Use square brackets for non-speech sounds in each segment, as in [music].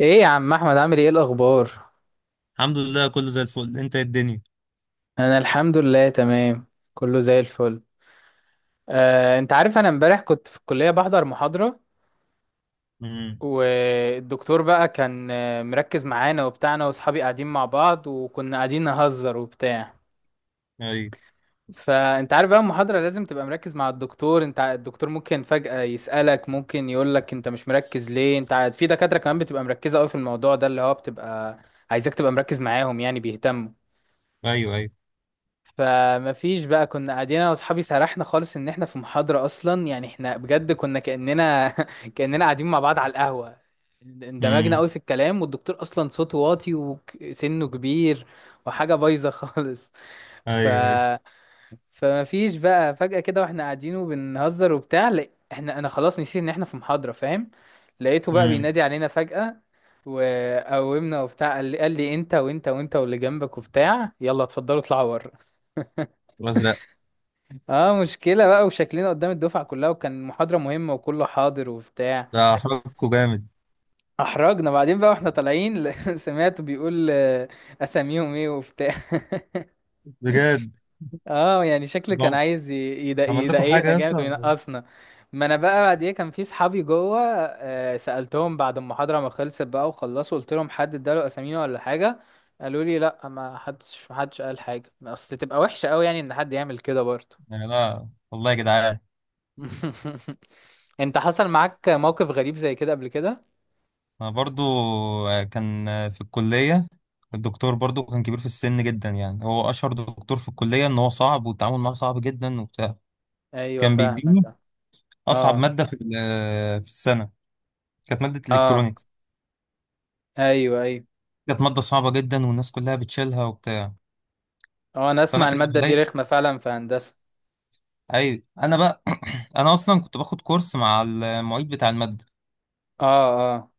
ايه يا عم احمد، عامل ايه الاخبار؟ الحمد لله، كله زي الفل. انت إيه الدنيا؟ انا الحمد لله تمام. كله زي الفل. انت عارف، انا امبارح كنت في الكليه بحضر محاضره. امم. والدكتور بقى كان مركز معانا وبتاعنا، واصحابي قاعدين مع بعض، وكنا قاعدين نهزر وبتاع. ايوه، فانت عارف بقى، المحاضره لازم تبقى مركز مع الدكتور. الدكتور ممكن فجاه يسالك، ممكن يقولك انت مش مركز ليه. في دكاتره كمان بتبقى مركزه قوي في الموضوع ده اللي هو بتبقى عايزك تبقى مركز معاهم، يعني بيهتموا. ايوه. ايوه. فما فيش بقى، كنا قاعدين انا واصحابي، سرحنا خالص ان احنا في محاضرة اصلا، يعني احنا بجد كنا كأننا [laughs] كأننا قاعدين مع بعض على القهوة. اندمجنا امم. قوي في الكلام، والدكتور اصلا صوته واطي وسنه كبير، وحاجة بايظة [laughs] خالص. ف ايوه، ايوه. فما فيش بقى، فجأة كده واحنا قاعدين وبنهزر وبتاع، لا انا خلاص نسيت ان احنا في محاضرة، فاهم. لقيته بقى امم. بينادي علينا فجأة، وقومنا وبتاع، قال لي انت وانت وانت واللي جنبك وبتاع، يلا اتفضلوا اطلعوا بره. الازرق. اه مشكلة بقى، وشكلنا قدام الدفعة كلها، وكان محاضرة مهمة وكله حاضر وبتاع. ده حركه جامد. احرجنا بعدين بقى، واحنا طالعين [laughs] سمعته بيقول اساميهم ايه وبتاع [laughs] بجد. اه يعني شكله كان بم- عايز عمل لكم حاجه يضايقنا يا جامد اسطى؟ وينقصنا. ما انا بقى بعديها كان في صحابي جوه. سألتهم بعد المحاضرة ما خلصت بقى وخلصوا، قلت لهم حد اداله اسامينا ولا حاجة. قالوا لي لا، ما حدش قال حاجة، اصل تبقى وحشة قوي يعني ان حد يعمل كده برضه. يعني لا والله يا جدعان. [laughs] انت حصل معاك موقف غريب زي كده قبل كده؟ انا برضو، كان في الكليه. الدكتور برضو كان كبير في السن جدا، يعني هو اشهر دكتور في الكليه، ان هو صعب والتعامل معاه صعب جدا وبتاع. ايوه كان فاهمك. بيديني اصعب اه ماده في في السنه. كانت ماده اه. الكترونيكس. ايوه ايوه. كانت ماده صعبه جدا والناس كلها بتشيلها وبتاع. اه انا فانا اسمع كان المادة دي عليا. رخمة فعلا في هندسة. ايوه انا بقى. [clears throat] انا اصلا كنت باخد كورس مع المعيد بتاع الماده. اه اه.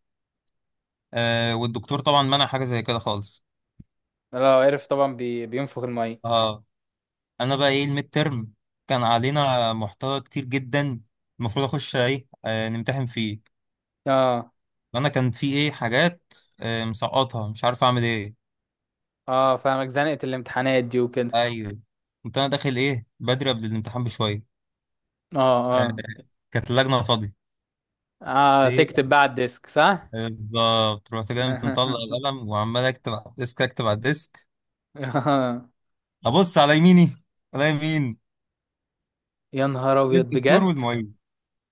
والدكتور طبعا منع حاجه زي كده خالص. لو عرف طبعا بينفخ المية. اه، انا بقى ايه الميد ترم. كان علينا محتوى كتير جدا، المفروض اخش ايه نمتحن فيه. اه وانا كان في ايه حاجات مسقطها، مش عارف اعمل ايه. اه فاهمك، زنقة الامتحانات دي وكده. ايوه. كنت انا داخل ايه بدري قبل الامتحان بشويه. اه آه اه كانت اللجنه فاضيه. اه. ايه بقى؟ تكتب بقى على الديسك، صح؟ بالظبط، رحت جاي مطلع [laughs] القلم وعمال اكتب على الديسك، اكتب على الديسك. آه. ابص على يميني، على يمين، يا نهار عليا ابيض الدكتور بجد. والمعيد.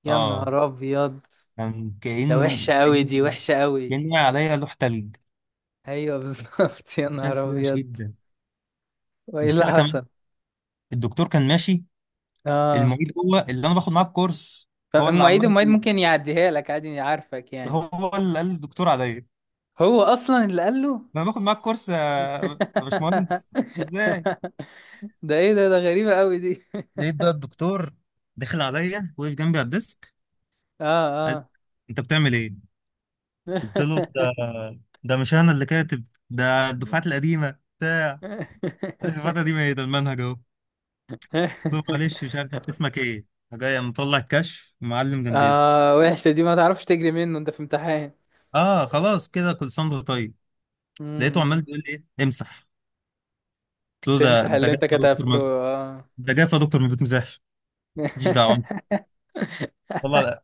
يا اه. نهار ابيض. كان ده وحشة قوي، كأن دي وحشة قوي. كأن عليا لوح تلج. ايوه بالظبط [laughs] يا عشان نهار كده وحش ابيض. جدا. وايه اللي المشكلة كمان، حصل؟ الدكتور كان ماشي. اه المعيد هو اللي انا باخد معاه الكورس. طب هو اللي المعيد عمال المعيد ممكن يعديها لك عادي، عارفك يعني. هو اللي قال للدكتور عليا هو اصلا اللي قال له. انا باخد معاه الكورس. يا باشمهندس، ازاي؟ [laughs] ده ايه ده غريبة قوي دي [laughs] لقيت بقى الدكتور دخل عليا، وقف جنبي على الديسك، قال لي، اه انت بتعمل ايه؟ قلت له، ده اه. ده مش انا اللي كاتب، ده الدفعات القديمه. قال لي، الدفعات القديمه ايه؟ ده المنهج اهو. له، معلش، مش عارف [laughs] اسمك ايه. جاي مطلع الكشف، معلم جنبي اسمي. اه، وحشة دي، ما تعرفش تجري منه انت في امتحان. اه، خلاص كده، كل سنه وأنت طيب. م- لقيته م. عمال بيقول لي، ايه؟ امسح. قلت له، ده تمسح ده اللي جاف انت يا دكتور، كتبته، ما اه. ده جاف يا دكتور، ما بتمسحش. ماليش دعوه. [laughs] طلع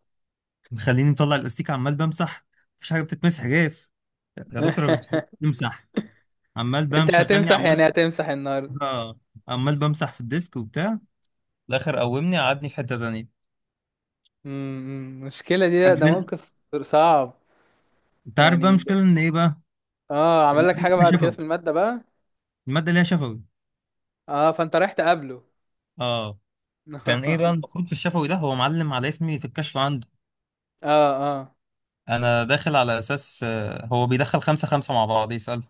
مخليني مطلع الاستيك عمال بمسح، مفيش حاجه بتتمسح، جاف يا دكتور ما بتمسح. عمال بقى انت مشغلني، هتمسح يعني هتمسح النهارده؟ آه، عمال بمسح في الديسك وبتاع. في الاخر قومني قعدني في حته تانيه. م- م. المشكلة دي، ده عجبني. موقف صعب انت عارف بقى يعني. المشكله ان ايه بقى؟ اه عمل لك الماده حاجة ليها بعد كده في شفوي، المادة بقى؟ الماده ليها شفوي. اه فانت رايح تقابله. اه، كان ايه بقى، [laughs] اه المفروض في الشفوي ده هو معلم على اسمي في الكشف عنده. اه، انا داخل على اساس هو بيدخل خمسة خمسة مع بعض يسأل،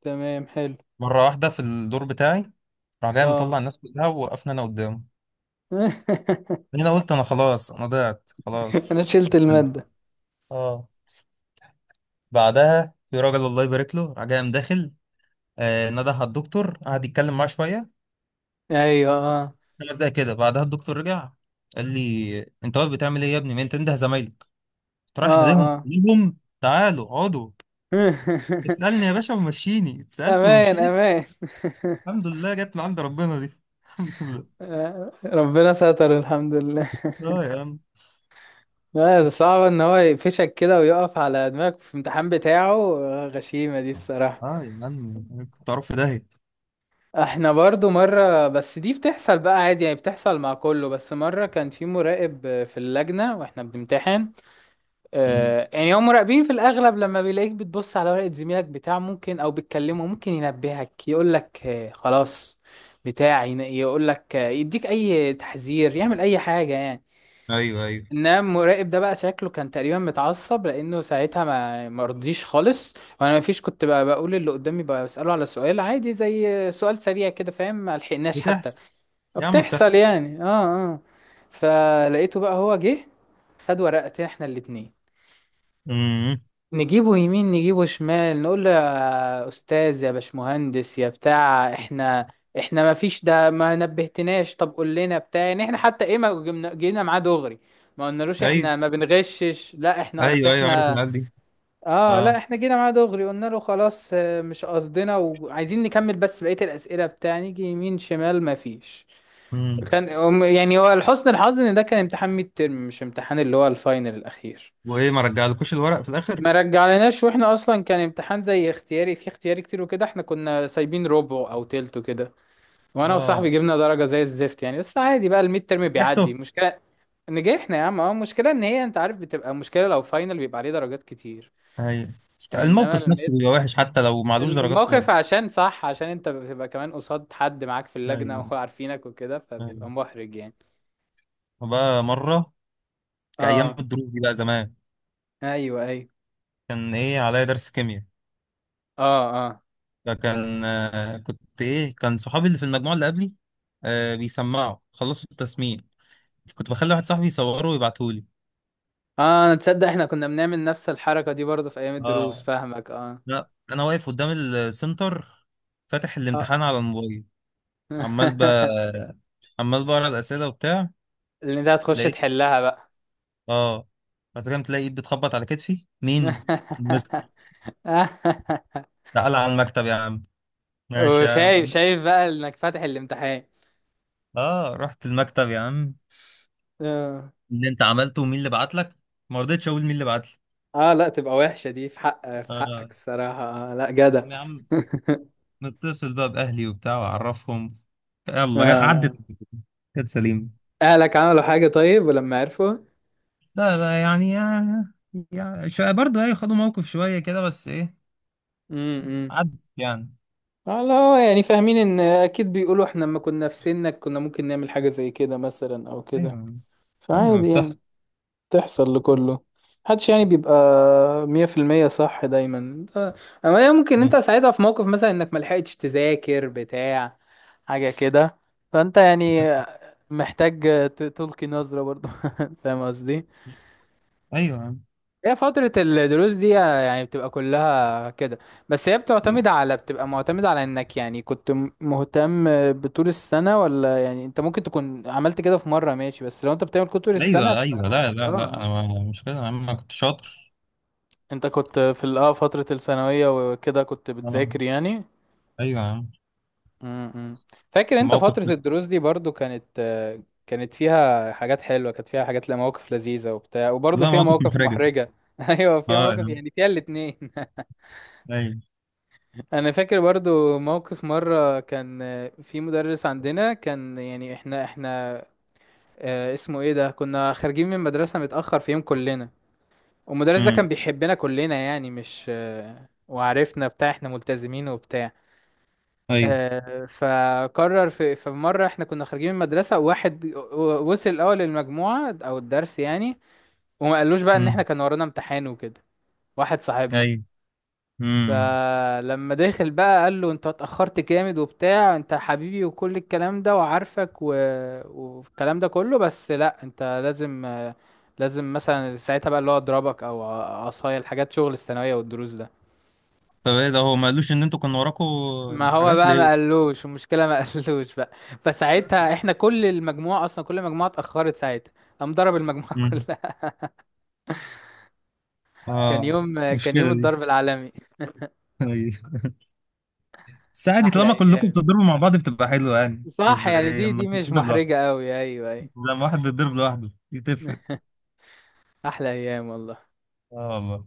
تمام حلو. مرة واحدة. في الدور بتاعي راح جاي اه مطلع الناس كلها، ووقفنا انا قدامه. [laughs] هنا قلت، انا خلاص، انا ضعت خلاص. انا شلت استنى. المادة. اه، بعدها في راجل الله يبارك له راح جاي داخل، نده على الدكتور، قعد يتكلم معاه شويه، ايوه اه 5 دقايق كده. بعدها الدكتور رجع، قال لي، انت واقف بتعمل ايه يا ابني؟ ما انت انده زمايلك. قلت، رايح اه ناديهم اه. كلهم، تعالوا اقعدوا. اسألني [laughs] يا باشا، ومشيني، اتسألت امان ومشيت. امان [laughs] الحمد لله، جت من عند ربنا دي. [laughs] الحمد لله. ربنا ستر، الحمد لله [laughs] اه يا عم. لا ده صعب ان هو يقفشك كده ويقف على دماغك في الامتحان بتاعه، غشيمة دي الصراحة. اه يا عم، كنت اعرف في داهية. احنا برضو مرة، بس دي بتحصل بقى عادي يعني، بتحصل مع كله. بس مرة كان في مراقب في اللجنة واحنا بنمتحن. أمم. يعني هم مراقبين في الاغلب، لما بيلاقيك بتبص على ورقة زميلك بتاع ممكن، او بتكلمه ممكن ينبهك يقولك خلاص. بتاع يقولك يديك اي تحذير، يعمل اي حاجة يعني. ايوه، ايوه، انما المراقب ده بقى شكله كان تقريبا متعصب، لانه ساعتها ما مرضيش خالص. وانا ما فيش، كنت بقى بقول اللي قدامي بقى، بساله على سؤال عادي، زي سؤال سريع كده فاهم، ما لحقناش حتى. بتحصل يا عم، بتحصل بتحصل. يعني، اه اه. فلقيته بقى هو جه، خد ورقتين احنا الاتنين. امم. نجيبه يمين نجيبه شمال، نقول له يا استاذ يا باشمهندس يا بتاع، احنا ما فيش، ده ما نبهتناش، طب قول لنا بتاع يعني، احنا حتى ايه، ما جبنا- جينا معاه دغري، ما قلنالوش ايوه، احنا ما بنغشش، لا احنا اصل ايوه، ايوه، عارف احنا. العيال دي. اه اه. لا، احنا جينا معاه دغري قلنا له خلاص، مش قصدنا، وعايزين نكمل بس بقية الأسئلة بتاع، نيجي يمين شمال ما فيش. امم. كان يعني هو لحسن الحظ ان ده كان امتحان ميد ترم، مش امتحان اللي هو الفاينل الأخير. وايه، ما رجعلكوش الورق في الاخر؟ ما رجعلناش، واحنا اصلا كان امتحان زي اختياري، في اختياري كتير وكده، احنا كنا سايبين ربع او تلت وكده. وانا وصاحبي اه، جبنا درجه زي الزفت يعني، بس عادي بقى، الميد ترم بيعدي ريحته. المشكله. نجحنا يا عم، اه المشكله ان هي، انت عارف بتبقى مشكله لو فاينل، بيبقى عليه درجات كتير. ايوه. يعني انما الموقف الميد، نفسه بيبقى وحش، حتى لو معلوش درجات الموقف خالص. عشان صح، عشان انت بتبقى كمان قصاد حد معاك في اللجنه ايوه، [laughs] وعارفينك وكده، فبيبقى ايوه. محرج يعني. وبقى مرة، كأيام اه الدروس دي بقى زمان، ايوه ايوه. كان ايه عليا درس كيمياء. اه اه فكان آه، كنت ايه كان صحابي اللي في المجموعه اللي قبلي بيسمعوا، خلصوا التسميع. كنت بخلي واحد صاحبي يصوره ويبعتهولي. اه تصدق، احنا كنا بنعمل نفس الحركه دي برضه في ايام الدروس، اه، فاهمك اه. لا، انا واقف قدام السنتر، فاتح آه. الامتحان على الموبايل. عمال ب [laughs] عمال بقرا الاسئله وبتاع. اللي انت هتخش لقيت تحلها بقى. اه، بعد كده، تلاقي ايد بتخبط على كتفي. مين؟ المستر. [laughs] تعالى على المكتب يا عم. ماشي يا عم. وشايف شايف بقى انك فاتح الامتحان. اه، رحت المكتب يا عم. اه اللي انت عملته، ومين اللي بعت لك؟ ما رضيتش اقول مين اللي بعت لي. لا تبقى وحشة دي، في اه حقك الصراحة. لا جدع. يا عم، نتصل بقى بأهلي وبتاع وأعرفهم. [laughs] يلا، عدت، آه. كانت سليمة. اهلك عملوا حاجة طيب ولما عرفوا؟ لا لا يعني، يعني شوية برضه. أيوة، خدوا موقف شوية كده، بس إيه، امم. عدت يعني. لا يعني، فاهمين ان اكيد بيقولوا احنا لما كنا في سنك كنا ممكن نعمل حاجة زي كده مثلا، او أيوة يا كده. عم. أيوة، فعادي يعني. بتحصل. تحصل لكله، محدش يعني بيبقى مية في المية صح دايما اما هي ممكن انت ساعتها في موقف مثلا انك ملحقتش تذاكر بتاع حاجة كده، فانت يعني محتاج تلقي نظرة برضو. [laughs] فاهم قصدي. أيوة يا عم. هي فترة الدروس دي يعني بتبقى كلها كده، بس هي بتعتمد على، بتبقى معتمدة على انك يعني كنت مهتم بطول السنة، ولا يعني انت ممكن تكون عملت كده في مرة ماشي، بس لو انت بتعمل كده طول السنة أيوة، هتبقى. أيوة، لا لا لا، أنا اه مش كده يا عم، أنا كنت شاطر. انت كنت في فترة الثانوية وكده كنت أنا- بتذاكر يعني. أيوة يا عم. امم. فاكر انت موقف، فترة الدروس دي برضو، كانت فيها حاجات حلوة، كانت فيها حاجات لا، مواقف لذيذة وبتاع، وبرضو لا، فيها موقف مواقف محرجة. محرجة [laughs] ايوه أه فيها يا مواقف، عم. يعني فيها الاتنين. أيوة. [laughs] انا فاكر برضو موقف مرة كان في مدرس عندنا كان يعني احنا. اسمه ايه ده، كنا خارجين من مدرسة متأخر في يوم كلنا. والمدرس ده كان أمم. بيحبنا كلنا يعني، مش وعرفنا بتاع احنا ملتزمين وبتاع. أيوة. فقرر في مرة احنا كنا خارجين من المدرسة، واحد وصل الأول للمجموعة أو الدرس يعني، وما قالوش بقى إن احنا أمم. كان ورانا امتحان وكده، واحد صاحبنا. أيوة. أمم. فلما داخل بقى قال له انت اتأخرت جامد وبتاع، انت حبيبي وكل الكلام ده، وعارفك والكلام ده كله. بس لا، انت لازم لازم مثلا ساعتها بقى اللي هو اضربك، او عصاية، الحاجات شغل الثانوية والدروس ده. طب إيه ده، هو ما قالوش إن أنتوا كنا وراكوا ما هو حاجات بقى ما ليه؟ قالوش المشكله، ما [laughs] قالوش بقى. فساعتها احنا كل المجموعه اصلا، كل المجموعه اتاخرت ساعتها، قام ضرب المجموعه [laughs] كلها. كان اه، يوم كان يوم مشكلة دي. الضرب العالمي. [laughs] أيوة. بس عادي، احلى طالما كلكم ايام. بتضربوا مع بعض بتبقى حلوة، يعني مش صح يعني، زي دي لما دي مش تتضرب لوحده. محرجه قوي، ايوه زي ايوه. لما واحد بيتضرب لوحده، دي تفرق. [laughs] احلى ايام والله. اه والله.